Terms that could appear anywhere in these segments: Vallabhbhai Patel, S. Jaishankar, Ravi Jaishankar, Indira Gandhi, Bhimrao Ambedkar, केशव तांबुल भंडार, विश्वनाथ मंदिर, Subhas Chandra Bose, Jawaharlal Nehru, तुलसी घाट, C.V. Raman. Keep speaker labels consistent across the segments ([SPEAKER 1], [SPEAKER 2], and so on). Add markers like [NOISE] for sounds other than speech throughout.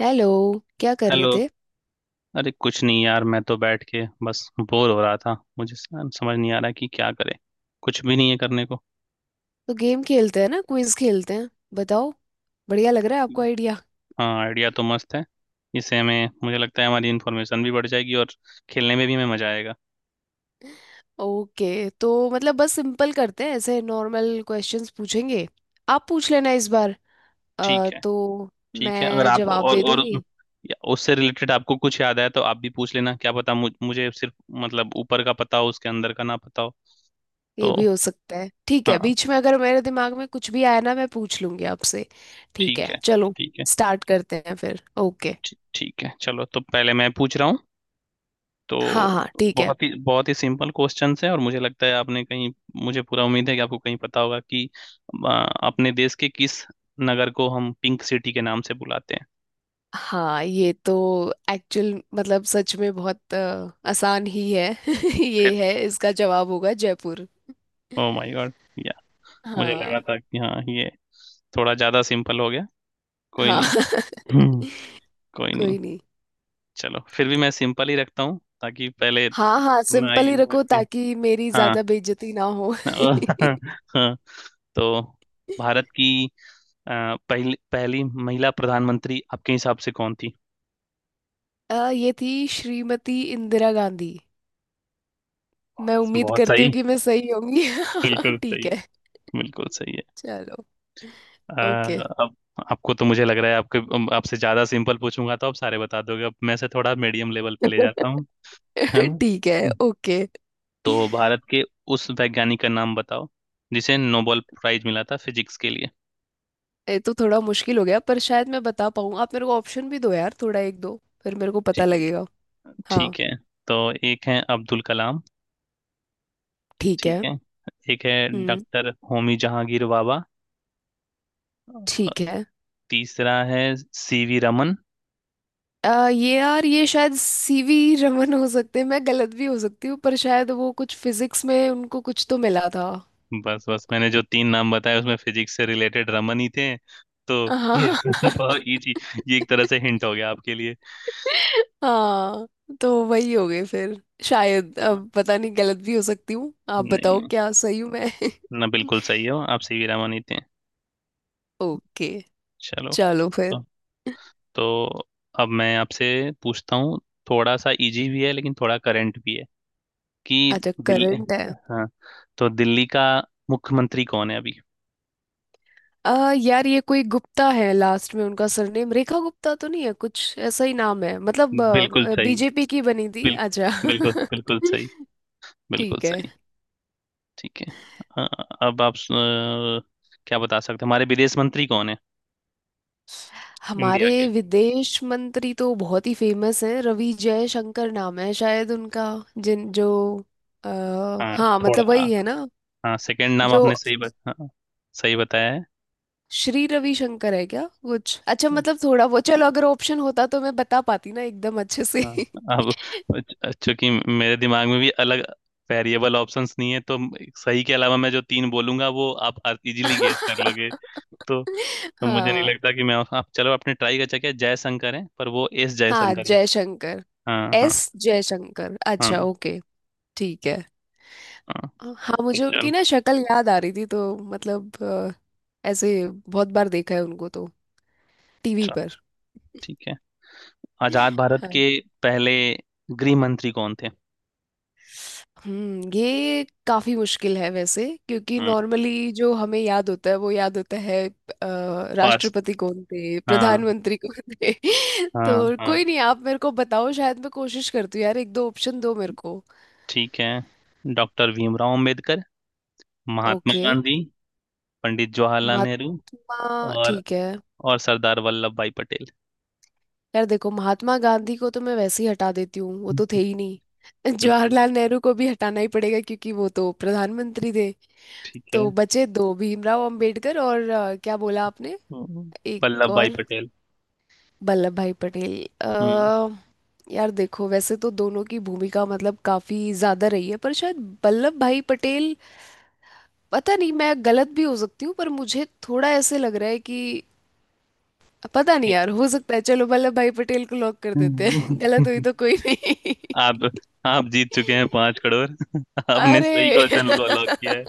[SPEAKER 1] Hello. क्या कर रहे
[SPEAKER 2] हेलो।
[SPEAKER 1] थे?
[SPEAKER 2] अरे कुछ नहीं यार, मैं तो बैठ के बस बोर हो रहा था। मुझे समझ नहीं आ रहा कि क्या करें। कुछ भी नहीं है करने को।
[SPEAKER 1] तो गेम खेलते हैं ना, क्विज खेलते हैं। बताओ। बढ़िया लग रहा है आपको आइडिया।
[SPEAKER 2] हाँ, आइडिया तो मस्त है। इससे हमें मुझे लगता है हमारी इन्फॉर्मेशन भी बढ़ जाएगी और खेलने में भी हमें मजा आएगा।
[SPEAKER 1] ओके, तो मतलब बस सिंपल करते हैं, ऐसे नॉर्मल क्वेश्चंस पूछेंगे। आप पूछ लेना इस बार।
[SPEAKER 2] ठीक है।
[SPEAKER 1] तो
[SPEAKER 2] ठीक है। अगर
[SPEAKER 1] मैं
[SPEAKER 2] आप
[SPEAKER 1] जवाब दे दूंगी।
[SPEAKER 2] या उससे रिलेटेड आपको कुछ याद आया तो आप भी पूछ लेना। क्या पता मुझे सिर्फ मतलब ऊपर का पता हो उसके अंदर का ना पता हो
[SPEAKER 1] ये
[SPEAKER 2] तो।
[SPEAKER 1] भी हो सकता है, ठीक है।
[SPEAKER 2] हाँ,
[SPEAKER 1] बीच में अगर मेरे दिमाग में कुछ भी आया ना, मैं पूछ लूंगी आपसे। ठीक
[SPEAKER 2] ठीक
[SPEAKER 1] है,
[SPEAKER 2] है।
[SPEAKER 1] चलो।
[SPEAKER 2] ठीक है।
[SPEAKER 1] स्टार्ट करते हैं फिर। ओके।
[SPEAKER 2] ठीक ठीक है। चलो तो पहले मैं पूछ रहा हूँ तो।
[SPEAKER 1] हाँ हाँ, ठीक है।
[SPEAKER 2] बहुत ही सिंपल क्वेश्चंस है, और मुझे लगता है आपने कहीं, मुझे पूरा उम्मीद है कि आपको कहीं पता होगा कि अ, अपने देश के किस नगर को हम पिंक सिटी के नाम से बुलाते हैं।
[SPEAKER 1] हाँ, ये तो एक्चुअल मतलब सच में बहुत आसान ही है। [LAUGHS] ये
[SPEAKER 2] फिर
[SPEAKER 1] है, इसका जवाब होगा जयपुर।
[SPEAKER 2] Oh my god. या मुझे
[SPEAKER 1] हाँ।
[SPEAKER 2] लगा था कि हाँ, ये थोड़ा ज्यादा सिंपल हो गया। कोई
[SPEAKER 1] हाँ।
[SPEAKER 2] नहीं।
[SPEAKER 1] [LAUGHS]
[SPEAKER 2] हम्म, कोई नहीं।
[SPEAKER 1] कोई नहीं।
[SPEAKER 2] चलो फिर भी मैं सिंपल ही रखता हूँ ताकि पहले।
[SPEAKER 1] हाँ हाँ,
[SPEAKER 2] ना
[SPEAKER 1] सिंपल
[SPEAKER 2] ये
[SPEAKER 1] ही रखो
[SPEAKER 2] ना-
[SPEAKER 1] ताकि मेरी
[SPEAKER 2] हाँ।
[SPEAKER 1] ज्यादा बेइज्जती ना हो। [LAUGHS]
[SPEAKER 2] [LAUGHS] हाँ। तो भारत की अ, पहली पहली महिला प्रधानमंत्री आपके हिसाब से कौन थी?
[SPEAKER 1] ये थी श्रीमती इंदिरा गांधी। मैं
[SPEAKER 2] बहुत
[SPEAKER 1] उम्मीद
[SPEAKER 2] बहुत
[SPEAKER 1] करती
[SPEAKER 2] सही।
[SPEAKER 1] हूँ कि मैं सही होंगी।
[SPEAKER 2] बिल्कुल
[SPEAKER 1] [LAUGHS]
[SPEAKER 2] सही
[SPEAKER 1] ठीक
[SPEAKER 2] है।
[SPEAKER 1] है।
[SPEAKER 2] बिल्कुल सही है।
[SPEAKER 1] चलो।
[SPEAKER 2] अ,
[SPEAKER 1] ओके।
[SPEAKER 2] अब, आपको तो मुझे लग रहा है आपके आपसे ज्यादा सिंपल पूछूंगा तो आप सारे बता दोगे। अब मैं से थोड़ा मीडियम लेवल पे ले जाता
[SPEAKER 1] [LAUGHS]
[SPEAKER 2] हूँ। है ना?
[SPEAKER 1] ठीक है। ओके।
[SPEAKER 2] तो भारत के उस वैज्ञानिक का नाम बताओ जिसे नोबेल प्राइज मिला था फिजिक्स के लिए।
[SPEAKER 1] ये तो थोड़ा मुश्किल हो गया पर शायद मैं बता पाऊँ। आप मेरे को ऑप्शन भी दो यार, थोड़ा एक दो, फिर मेरे को पता
[SPEAKER 2] ठीक।
[SPEAKER 1] लगेगा। हाँ।
[SPEAKER 2] ठीक है। तो एक है अब्दुल कलाम।
[SPEAKER 1] ठीक
[SPEAKER 2] ठीक
[SPEAKER 1] है।
[SPEAKER 2] है। एक है
[SPEAKER 1] हम्म।
[SPEAKER 2] डॉक्टर होमी जहांगीर बाबा। अ,
[SPEAKER 1] ठीक है।
[SPEAKER 2] तीसरा है सीवी रमन।
[SPEAKER 1] ये यार, ये शायद सीवी रमन हो सकते हैं। मैं गलत भी हो सकती हूँ पर शायद वो कुछ फिजिक्स में उनको कुछ तो मिला था।
[SPEAKER 2] बस बस, मैंने जो तीन नाम बताए उसमें फिजिक्स से रिलेटेड रमन ही थे तो ये [LAUGHS] बहुत easy- ये एक तरह से
[SPEAKER 1] [LAUGHS] हाँ।
[SPEAKER 2] हिंट हो गया आपके लिए।
[SPEAKER 1] हाँ, तो वही हो गए फिर शायद।
[SPEAKER 2] हाँ,
[SPEAKER 1] अब पता नहीं, गलत भी हो सकती हूँ। आप
[SPEAKER 2] नहीं
[SPEAKER 1] बताओ
[SPEAKER 2] नहीं,
[SPEAKER 1] क्या सही हूँ मैं। [LAUGHS]
[SPEAKER 2] ना बिल्कुल सही हो आप, सी वी रमन ही थे।
[SPEAKER 1] ओके।
[SPEAKER 2] चलो।
[SPEAKER 1] चलो फिर।
[SPEAKER 2] तो तो अब मैं आपसे पूछता हूँ। थोड़ा सा इजी भी है लेकिन थोड़ा करंट भी है, कि
[SPEAKER 1] अच्छा,
[SPEAKER 2] दिल्ली,
[SPEAKER 1] करंट है।
[SPEAKER 2] हाँ, तो दिल्ली का मुख्यमंत्री कौन है अभी?
[SPEAKER 1] यार, ये कोई गुप्ता है लास्ट में उनका सरनेम। रेखा गुप्ता तो नहीं है, कुछ ऐसा ही नाम है मतलब।
[SPEAKER 2] बिल्कुल सही।
[SPEAKER 1] बीजेपी की बनी थी,
[SPEAKER 2] बिल,
[SPEAKER 1] अच्छा।
[SPEAKER 2] बिल्कुल बिल्कुल सही।
[SPEAKER 1] [LAUGHS]
[SPEAKER 2] बिल्कुल
[SPEAKER 1] ठीक है।
[SPEAKER 2] सही। ठीक है। अ, अब आप क्या बता सकते हैं? हमारे विदेश मंत्री कौन है?
[SPEAKER 1] हमारे
[SPEAKER 2] इंडिया के।
[SPEAKER 1] विदेश मंत्री तो बहुत ही फेमस हैं, रवि जयशंकर नाम है शायद उनका। जिन जो आ,
[SPEAKER 2] हाँ,
[SPEAKER 1] हाँ मतलब
[SPEAKER 2] थोड़ा,
[SPEAKER 1] वही है ना।
[SPEAKER 2] हाँ सेकंड नाम
[SPEAKER 1] जो
[SPEAKER 2] आपने हाँ, सही बताया है।
[SPEAKER 1] श्री रविशंकर है क्या कुछ, अच्छा मतलब थोड़ा वो चलो। अगर ऑप्शन होता तो मैं बता पाती ना एकदम अच्छे से।
[SPEAKER 2] हाँ। अब चूंकि मेरे दिमाग में भी अलग वेरिएबल ऑप्शंस नहीं है तो सही के अलावा मैं जो तीन बोलूंगा वो आप इजीली गेस कर
[SPEAKER 1] [LAUGHS]
[SPEAKER 2] लोगे तो। तो मुझे नहीं
[SPEAKER 1] हाँ
[SPEAKER 2] लगता कि मैं, आप चलो आपने ट्राई कर चुके, जयशंकर है पर वो एस
[SPEAKER 1] हाँ,
[SPEAKER 2] जयशंकर है।
[SPEAKER 1] जयशंकर।
[SPEAKER 2] हाँ, हाँ।
[SPEAKER 1] एस जयशंकर,
[SPEAKER 2] हाँ।
[SPEAKER 1] अच्छा ओके। ठीक है।
[SPEAKER 2] हाँ।
[SPEAKER 1] हाँ,
[SPEAKER 2] तो
[SPEAKER 1] मुझे उनकी
[SPEAKER 2] चल
[SPEAKER 1] ना शक्ल याद आ रही थी तो मतलब ऐसे बहुत बार देखा है उनको तो, टीवी
[SPEAKER 2] चल
[SPEAKER 1] पर।
[SPEAKER 2] ठीक है। आजाद भारत
[SPEAKER 1] हाँ।
[SPEAKER 2] के पहले गृह मंत्री कौन थे?
[SPEAKER 1] हम्म, ये काफी मुश्किल है वैसे, क्योंकि
[SPEAKER 2] हम्म
[SPEAKER 1] नॉर्मली जो हमें याद होता है वो याद होता है
[SPEAKER 2] फर्स्ट।
[SPEAKER 1] राष्ट्रपति कौन थे,
[SPEAKER 2] हाँ
[SPEAKER 1] प्रधानमंत्री कौन थे। [LAUGHS]
[SPEAKER 2] हाँ
[SPEAKER 1] तो
[SPEAKER 2] हाँ।
[SPEAKER 1] कोई नहीं, आप मेरे को बताओ। शायद मैं कोशिश करती हूँ यार, एक दो ऑप्शन दो मेरे को।
[SPEAKER 2] ठीक है। Doctor Bhimrao Ambedkar, Mahatma
[SPEAKER 1] okay.
[SPEAKER 2] गांधी, पंडित जवाहरलाल नेहरू,
[SPEAKER 1] महात्मा,
[SPEAKER 2] और
[SPEAKER 1] ठीक है।
[SPEAKER 2] और सरदार वल्लभ भाई पटेल।
[SPEAKER 1] यार देखो, महात्मा गांधी को तो मैं वैसे ही हटा देती हूँ, वो तो थे
[SPEAKER 2] हम्म,
[SPEAKER 1] ही नहीं। [LAUGHS]
[SPEAKER 2] बिल्कुल।
[SPEAKER 1] जवाहरलाल नेहरू को भी हटाना ही पड़ेगा, क्योंकि वो तो प्रधानमंत्री थे।
[SPEAKER 2] ठीक है।
[SPEAKER 1] तो बचे दो, भीमराव अंबेडकर और क्या बोला आपने?
[SPEAKER 2] हम्म,
[SPEAKER 1] एक
[SPEAKER 2] वल्लभ भाई
[SPEAKER 1] और?
[SPEAKER 2] पटेल।
[SPEAKER 1] वल्लभ भाई पटेल।
[SPEAKER 2] हम्म
[SPEAKER 1] अ, यार देखो, वैसे तो दोनों की भूमिका मतलब काफी ज्यादा रही है, पर शायद वल्लभ भाई पटेल। पता नहीं, मैं गलत भी हो सकती हूँ पर मुझे थोड़ा ऐसे लग रहा है कि पता नहीं यार, हो सकता है। चलो वल्लभ भाई पटेल को लॉक कर देते हैं। [LAUGHS] गलत हुई
[SPEAKER 2] हम्म।
[SPEAKER 1] तो कोई नहीं। [LAUGHS]
[SPEAKER 2] आप आप जीत चुके हैं 5 करोड़। [LAUGHS] आपने
[SPEAKER 1] अरे।
[SPEAKER 2] सही क्वेश्चन को लॉक किया है।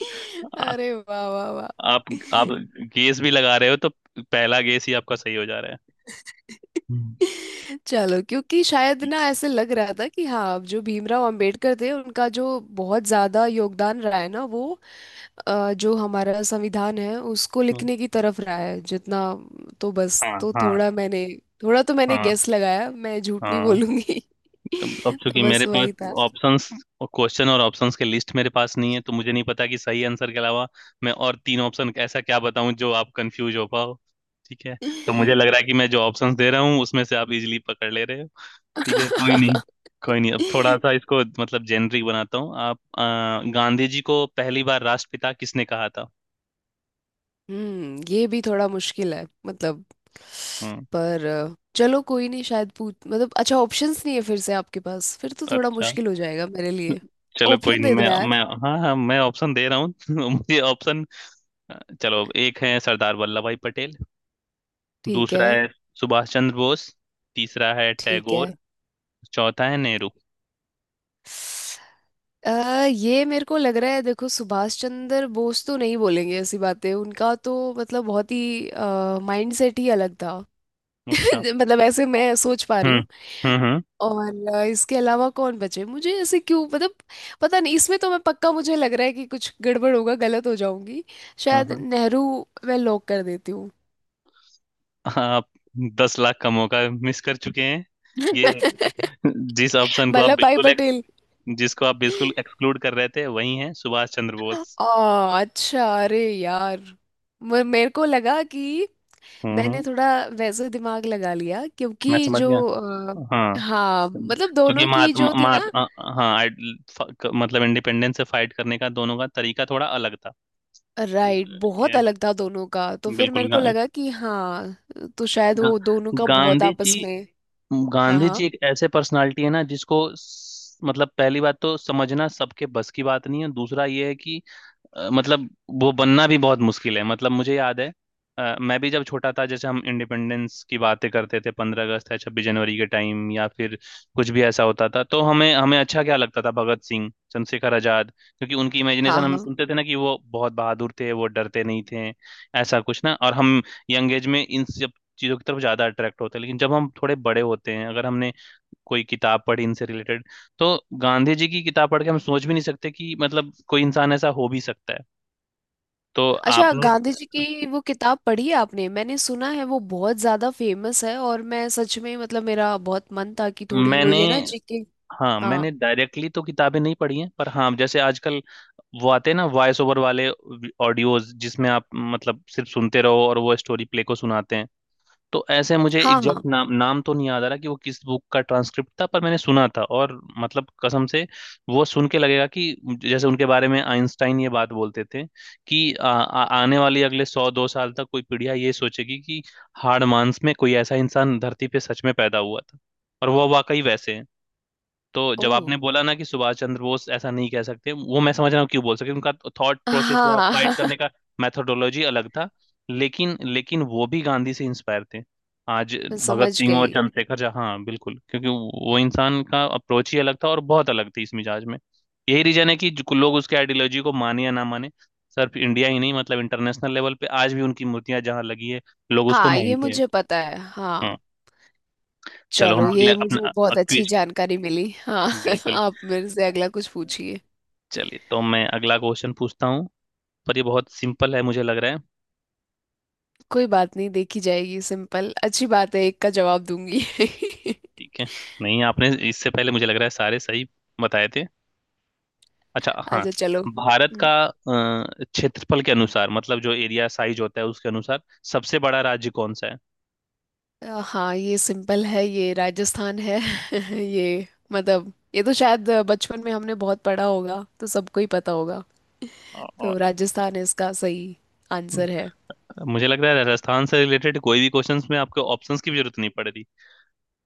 [SPEAKER 1] [LAUGHS]
[SPEAKER 2] आ,
[SPEAKER 1] अरे वाह वाह वाह।
[SPEAKER 2] आप आप गेस भी लगा रहे हो तो पहला गेस ही आपका सही हो जा रहा है।
[SPEAKER 1] [LAUGHS]
[SPEAKER 2] हम्म,
[SPEAKER 1] चलो, क्योंकि शायद ना ऐसे लग रहा था कि हाँ, अब जो भीमराव अंबेडकर थे उनका जो बहुत ज्यादा योगदान रहा है ना वो जो हमारा संविधान है उसको
[SPEAKER 2] हम्म,
[SPEAKER 1] लिखने की तरफ रहा है जितना। तो बस,
[SPEAKER 2] हाँ
[SPEAKER 1] तो
[SPEAKER 2] हाँ।
[SPEAKER 1] थोड़ा मैंने थोड़ा तो मैंने
[SPEAKER 2] हाँ।
[SPEAKER 1] गेस लगाया, मैं झूठ नहीं
[SPEAKER 2] हाँ।
[SPEAKER 1] बोलूंगी।
[SPEAKER 2] अब
[SPEAKER 1] [LAUGHS] तो
[SPEAKER 2] चूंकि मेरे
[SPEAKER 1] बस
[SPEAKER 2] पास
[SPEAKER 1] वही था।
[SPEAKER 2] ऑप्शंस और क्वेश्चन और ऑप्शंस के लिस्ट मेरे पास नहीं है तो मुझे नहीं पता कि सही आंसर के अलावा मैं और तीन ऑप्शन ऐसा क्या बताऊं जो आप कंफ्यूज हो पाओ। ठीक है। तो मुझे लग रहा है कि मैं जो ऑप्शंस दे रहा हूँ उसमें से आप इजीली पकड़ ले रहे हो। ठीक है, कोई नहीं। कोई नहीं। अब थोड़ा सा
[SPEAKER 1] [LAUGHS]
[SPEAKER 2] इसको मतलब जेनरिक बनाता हूँ। आप गांधी जी को पहली बार राष्ट्रपिता किसने कहा था?
[SPEAKER 1] हम्म, ये भी थोड़ा मुश्किल है मतलब।
[SPEAKER 2] हम्म
[SPEAKER 1] पर चलो कोई नहीं। शायद पूछ मतलब, अच्छा ऑप्शंस नहीं है फिर से आपके पास, फिर तो थोड़ा
[SPEAKER 2] अच्छा।
[SPEAKER 1] मुश्किल हो जाएगा मेरे लिए।
[SPEAKER 2] चलो कोई
[SPEAKER 1] ऑप्शन
[SPEAKER 2] नहीं,
[SPEAKER 1] दे दो
[SPEAKER 2] मैं
[SPEAKER 1] यार।
[SPEAKER 2] मैं हाँ हाँ, मैं ऑप्शन दे रहा हूँ [LAUGHS] मुझे ऑप्शन। चलो एक है सरदार वल्लभ भाई पटेल,
[SPEAKER 1] ठीक
[SPEAKER 2] दूसरा
[SPEAKER 1] है।
[SPEAKER 2] है सुभाष चंद्र बोस, तीसरा है
[SPEAKER 1] ठीक है।
[SPEAKER 2] टैगोर, चौथा है नेहरू।
[SPEAKER 1] ये मेरे को लग रहा है, देखो सुभाष चंद्र बोस तो नहीं बोलेंगे ऐसी बातें। उनका तो मतलब बहुत ही माइंड सेट ही अलग था।
[SPEAKER 2] अच्छा।
[SPEAKER 1] [LAUGHS] मतलब ऐसे मैं सोच पा रही
[SPEAKER 2] हम्म
[SPEAKER 1] हूँ।
[SPEAKER 2] हम्म हम्म
[SPEAKER 1] और इसके अलावा कौन बचे मुझे, ऐसे क्यों मतलब पता नहीं। इसमें तो मैं पक्का मुझे लग रहा है कि कुछ गड़बड़ होगा, गलत हो जाऊंगी। शायद
[SPEAKER 2] हम्म।
[SPEAKER 1] नेहरू, मैं लॉक कर देती हूँ।
[SPEAKER 2] आप 10 लाख का मौका मिस कर चुके हैं। ये
[SPEAKER 1] [LAUGHS]
[SPEAKER 2] जिस ऑप्शन को आप
[SPEAKER 1] वल्लभ भाई
[SPEAKER 2] बिल्कुल
[SPEAKER 1] पटेल।
[SPEAKER 2] जिसको आप बिल्कुल एक्सक्लूड कर रहे थे वही है सुभाष चंद्र बोस।
[SPEAKER 1] अच्छा, अरे यार। मेरे को लगा कि
[SPEAKER 2] हम्म
[SPEAKER 1] मैंने
[SPEAKER 2] हम्म,
[SPEAKER 1] थोड़ा वैसे दिमाग लगा लिया,
[SPEAKER 2] मैं
[SPEAKER 1] क्योंकि
[SPEAKER 2] समझ
[SPEAKER 1] जो
[SPEAKER 2] गया। हाँ,
[SPEAKER 1] हाँ मतलब
[SPEAKER 2] क्योंकि
[SPEAKER 1] दोनों
[SPEAKER 2] मात,
[SPEAKER 1] की जो थी
[SPEAKER 2] मात,
[SPEAKER 1] ना,
[SPEAKER 2] अ- अ- हाँ आइड- फ- क- मतलब इंडिपेंडेंस से फाइट करने का दोनों का तरीका थोड़ा अलग था।
[SPEAKER 1] राइट, बहुत
[SPEAKER 2] ये
[SPEAKER 1] अलग था दोनों का। तो फिर
[SPEAKER 2] बिल्कुल,
[SPEAKER 1] मेरे को
[SPEAKER 2] गा,
[SPEAKER 1] लगा कि हाँ, तो शायद
[SPEAKER 2] गा,
[SPEAKER 1] वो दोनों का बहुत
[SPEAKER 2] गांधी जी
[SPEAKER 1] आपस में। हाँ
[SPEAKER 2] गांधी
[SPEAKER 1] हाँ।
[SPEAKER 2] जी एक ऐसे पर्सनालिटी है ना जिसको मतलब पहली बात तो समझना सबके बस की बात नहीं है, दूसरा ये है कि मतलब वो बनना भी बहुत मुश्किल है। मतलब मुझे याद है मैं भी जब छोटा था, जैसे हम इंडिपेंडेंस की बातें करते थे 15 अगस्त या 26 जनवरी के टाइम, या फिर कुछ भी ऐसा होता था तो हमें हमें अच्छा क्या लगता था, भगत सिंह, चंद्रशेखर आजाद, क्योंकि उनकी
[SPEAKER 1] हाँ
[SPEAKER 2] इमेजिनेशन हम
[SPEAKER 1] हाँ।
[SPEAKER 2] सुनते थे ना कि वो बहुत बहादुर थे, वो डरते नहीं थे ऐसा कुछ ना। और हम यंग एज में इन सब चीज़ों की तरफ ज़्यादा अट्रैक्ट होते हैं, लेकिन जब हम थोड़े बड़े होते हैं अगर हमने कोई किताब पढ़ी इनसे रिलेटेड तो गांधी जी की किताब पढ़ के हम सोच भी नहीं सकते कि मतलब कोई इंसान ऐसा हो भी सकता है। तो
[SPEAKER 1] अच्छा,
[SPEAKER 2] आपने,
[SPEAKER 1] गांधी जी की वो किताब पढ़ी है आपने? मैंने सुना है वो बहुत ज्यादा फेमस है, और मैं सच में मतलब मेरा बहुत मन था कि थोड़ी वो
[SPEAKER 2] मैंने,
[SPEAKER 1] ये ना जीके।
[SPEAKER 2] हाँ मैंने
[SPEAKER 1] हाँ।
[SPEAKER 2] डायरेक्टली तो किताबें नहीं पढ़ी हैं, पर हाँ जैसे आजकल वो आते हैं ना वॉइस ओवर वाले ऑडियोज जिसमें आप मतलब सिर्फ सुनते रहो और वो स्टोरी प्ले को सुनाते हैं, तो ऐसे मुझे
[SPEAKER 1] हाँ। हाँ।
[SPEAKER 2] एग्जैक्ट नाम नाम तो नहीं याद आ रहा कि वो किस बुक का ट्रांसक्रिप्ट था, पर मैंने सुना था और मतलब कसम से वो सुन के लगेगा कि जैसे उनके बारे में आइंस्टाइन ये बात बोलते थे कि आ, आ, आने वाली अगले सौ दो साल तक कोई पीढ़ियां ये सोचेगी कि हाड़ मांस में कोई ऐसा इंसान धरती पे सच में पैदा हुआ था, और वो वाकई वैसे हैं। तो
[SPEAKER 1] ओ।
[SPEAKER 2] जब आपने बोला ना कि सुभाष चंद्र बोस ऐसा नहीं कह सकते, वो मैं समझ रहा हूँ क्यों बोल सकते, उनका थॉट प्रोसेस या फाइट
[SPEAKER 1] हाँ।
[SPEAKER 2] करने
[SPEAKER 1] [LAUGHS]
[SPEAKER 2] का मेथोडोलॉजी अलग था। लेकिन लेकिन वो भी गांधी से इंस्पायर थे। आज
[SPEAKER 1] मैं
[SPEAKER 2] भगत
[SPEAKER 1] समझ
[SPEAKER 2] सिंह और
[SPEAKER 1] गई।
[SPEAKER 2] चंद्रशेखर झा, हाँ बिल्कुल, क्योंकि वो इंसान का अप्रोच ही अलग था और बहुत अलग थी इस मिजाज में। यही रीजन है कि जो लोग उसके आइडियोलॉजी को माने या ना माने, सिर्फ इंडिया ही नहीं मतलब इंटरनेशनल लेवल पे आज भी उनकी मूर्तियां जहाँ लगी है लोग उसको
[SPEAKER 1] हाँ, ये
[SPEAKER 2] मानते हैं।
[SPEAKER 1] मुझे पता है हाँ।
[SPEAKER 2] हाँ। चलो हम
[SPEAKER 1] चलो,
[SPEAKER 2] अगले
[SPEAKER 1] ये मुझे
[SPEAKER 2] अपना
[SPEAKER 1] बहुत अच्छी
[SPEAKER 2] क्विज।
[SPEAKER 1] जानकारी मिली हाँ।
[SPEAKER 2] बिल्कुल।
[SPEAKER 1] [LAUGHS] आप मेरे से अगला कुछ पूछिए।
[SPEAKER 2] चलिए तो मैं अगला क्वेश्चन पूछता हूँ, पर ये बहुत सिंपल है मुझे लग रहा है।
[SPEAKER 1] कोई बात नहीं, देखी जाएगी। सिंपल अच्छी बात है, एक का जवाब दूंगी।
[SPEAKER 2] ठीक है, नहीं आपने इससे पहले मुझे लग रहा है सारे सही बताए थे। अच्छा
[SPEAKER 1] [LAUGHS]
[SPEAKER 2] हाँ।
[SPEAKER 1] आजा चलो।
[SPEAKER 2] भारत का क्षेत्रफल के अनुसार, मतलब जो एरिया साइज होता है उसके अनुसार, सबसे बड़ा राज्य कौन सा है?
[SPEAKER 1] हाँ ये सिंपल है, ये राजस्थान है। [LAUGHS] ये मतलब ये तो शायद बचपन में हमने बहुत पढ़ा होगा, तो सबको ही पता होगा।
[SPEAKER 2] अ-
[SPEAKER 1] तो राजस्थान इसका सही आंसर है।
[SPEAKER 2] मुझे लग रहा है राजस्थान से रिलेटेड कोई भी क्वेश्चंस में आपको ऑप्शंस की भी जरूरत नहीं पड़ रही।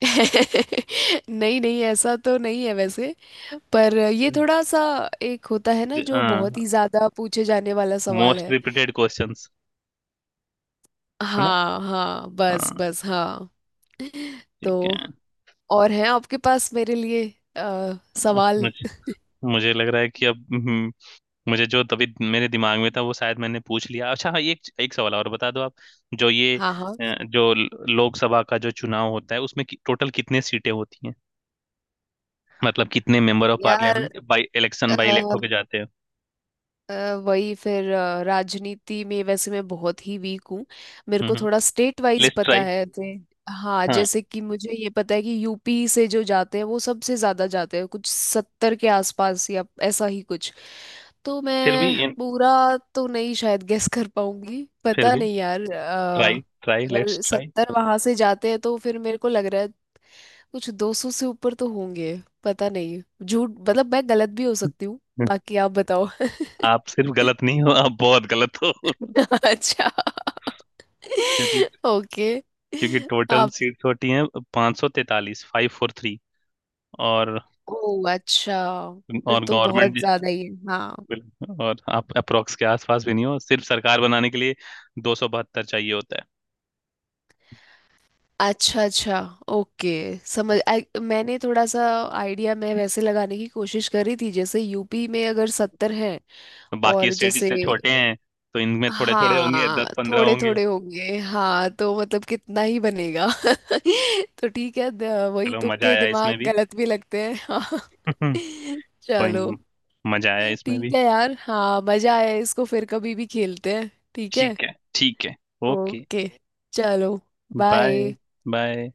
[SPEAKER 1] [LAUGHS] नहीं नहीं, ऐसा तो नहीं है वैसे। पर ये थोड़ा सा एक होता है ना जो बहुत ही ज्यादा पूछे जाने वाला सवाल
[SPEAKER 2] मोस्ट
[SPEAKER 1] है।
[SPEAKER 2] रिपीटेड क्वेश्चंस है ना?
[SPEAKER 1] हाँ हाँ, बस
[SPEAKER 2] हाँ।
[SPEAKER 1] बस हाँ। [LAUGHS]
[SPEAKER 2] ठीक
[SPEAKER 1] तो
[SPEAKER 2] है।
[SPEAKER 1] और हैं आपके पास मेरे लिए सवाल?
[SPEAKER 2] मुझे मुझे लग रहा है कि अब, मुझे जो तभी मेरे दिमाग में था वो शायद मैंने पूछ लिया। अच्छा हाँ, एक एक सवाल और बता दो आप। जो ये
[SPEAKER 1] हाँ। हाँ।
[SPEAKER 2] जो लोकसभा का जो चुनाव होता है उसमें कि टोटल कितने सीटें होती हैं, मतलब कितने मेंबर ऑफ
[SPEAKER 1] यार
[SPEAKER 2] parliament by election by elect होके जाते हैं?
[SPEAKER 1] वही फिर राजनीति में वैसे मैं बहुत ही वीक हूँ। मेरे को
[SPEAKER 2] हम्म
[SPEAKER 1] थोड़ा स्टेट वाइज
[SPEAKER 2] लेट्स
[SPEAKER 1] पता
[SPEAKER 2] ट्राई।
[SPEAKER 1] है जैसे। हाँ
[SPEAKER 2] हाँ।
[SPEAKER 1] जैसे कि मुझे ये पता है कि यूपी से जो जाते हैं वो सबसे ज्यादा जाते हैं, कुछ 70 के आसपास या ऐसा ही कुछ। तो
[SPEAKER 2] फिर भी
[SPEAKER 1] मैं
[SPEAKER 2] इन-
[SPEAKER 1] पूरा तो नहीं शायद गेस कर पाऊंगी,
[SPEAKER 2] फिर
[SPEAKER 1] पता
[SPEAKER 2] भी
[SPEAKER 1] नहीं यार।
[SPEAKER 2] ट्राई ट्राई लेट्स
[SPEAKER 1] अगर
[SPEAKER 2] ट्राई।
[SPEAKER 1] 70 वहां से जाते हैं तो फिर मेरे को लग रहा है कुछ 200 से ऊपर तो होंगे। पता नहीं, झूठ मतलब मैं गलत भी हो सकती हूँ। बाकी आप बताओ।
[SPEAKER 2] आप सिर्फ गलत नहीं हो, आप बहुत गलत हो। [LAUGHS]
[SPEAKER 1] [LAUGHS] अच्छा।
[SPEAKER 2] क्योंकि,
[SPEAKER 1] ओके।
[SPEAKER 2] क्योंकि टोटल
[SPEAKER 1] आप।
[SPEAKER 2] सीट्स होती हैं 543, फाइव फोर थ्री। और
[SPEAKER 1] ओ अच्छा, फिर
[SPEAKER 2] और
[SPEAKER 1] तो बहुत
[SPEAKER 2] गवर्नमेंट,
[SPEAKER 1] ज्यादा ही है हाँ।
[SPEAKER 2] बिल्कुल। और आप अप्रोक्स के आसपास भी नहीं हो। सिर्फ सरकार बनाने के लिए 272 चाहिए होता
[SPEAKER 1] अच्छा अच्छा, ओके। समझ मैंने थोड़ा सा आइडिया मैं वैसे लगाने की कोशिश करी थी, जैसे यूपी में अगर 70 हैं।
[SPEAKER 2] है। बाकी
[SPEAKER 1] और
[SPEAKER 2] स्टेट
[SPEAKER 1] जैसे
[SPEAKER 2] जिससे छोटे हैं तो इनमें थोड़े थोड़े होंगे,
[SPEAKER 1] हाँ,
[SPEAKER 2] 10-15
[SPEAKER 1] थोड़े
[SPEAKER 2] होंगे।
[SPEAKER 1] थोड़े होंगे हाँ, तो मतलब कितना ही बनेगा। [LAUGHS] तो ठीक है वही
[SPEAKER 2] चलो मजा
[SPEAKER 1] तुक्के
[SPEAKER 2] आया इसमें
[SPEAKER 1] दिमाग
[SPEAKER 2] भी।
[SPEAKER 1] गलत भी लगते हैं हाँ।
[SPEAKER 2] [LAUGHS]
[SPEAKER 1] [LAUGHS]
[SPEAKER 2] कोई
[SPEAKER 1] चलो।
[SPEAKER 2] नहीं, मजा आया इसमें
[SPEAKER 1] ठीक
[SPEAKER 2] भी।
[SPEAKER 1] है यार, हाँ मजा आया, इसको फिर कभी भी खेलते हैं। ठीक है।
[SPEAKER 2] ठीक है। ठीक है। ओके।
[SPEAKER 1] ओके। चलो।
[SPEAKER 2] बाय।
[SPEAKER 1] बाय।
[SPEAKER 2] बाय।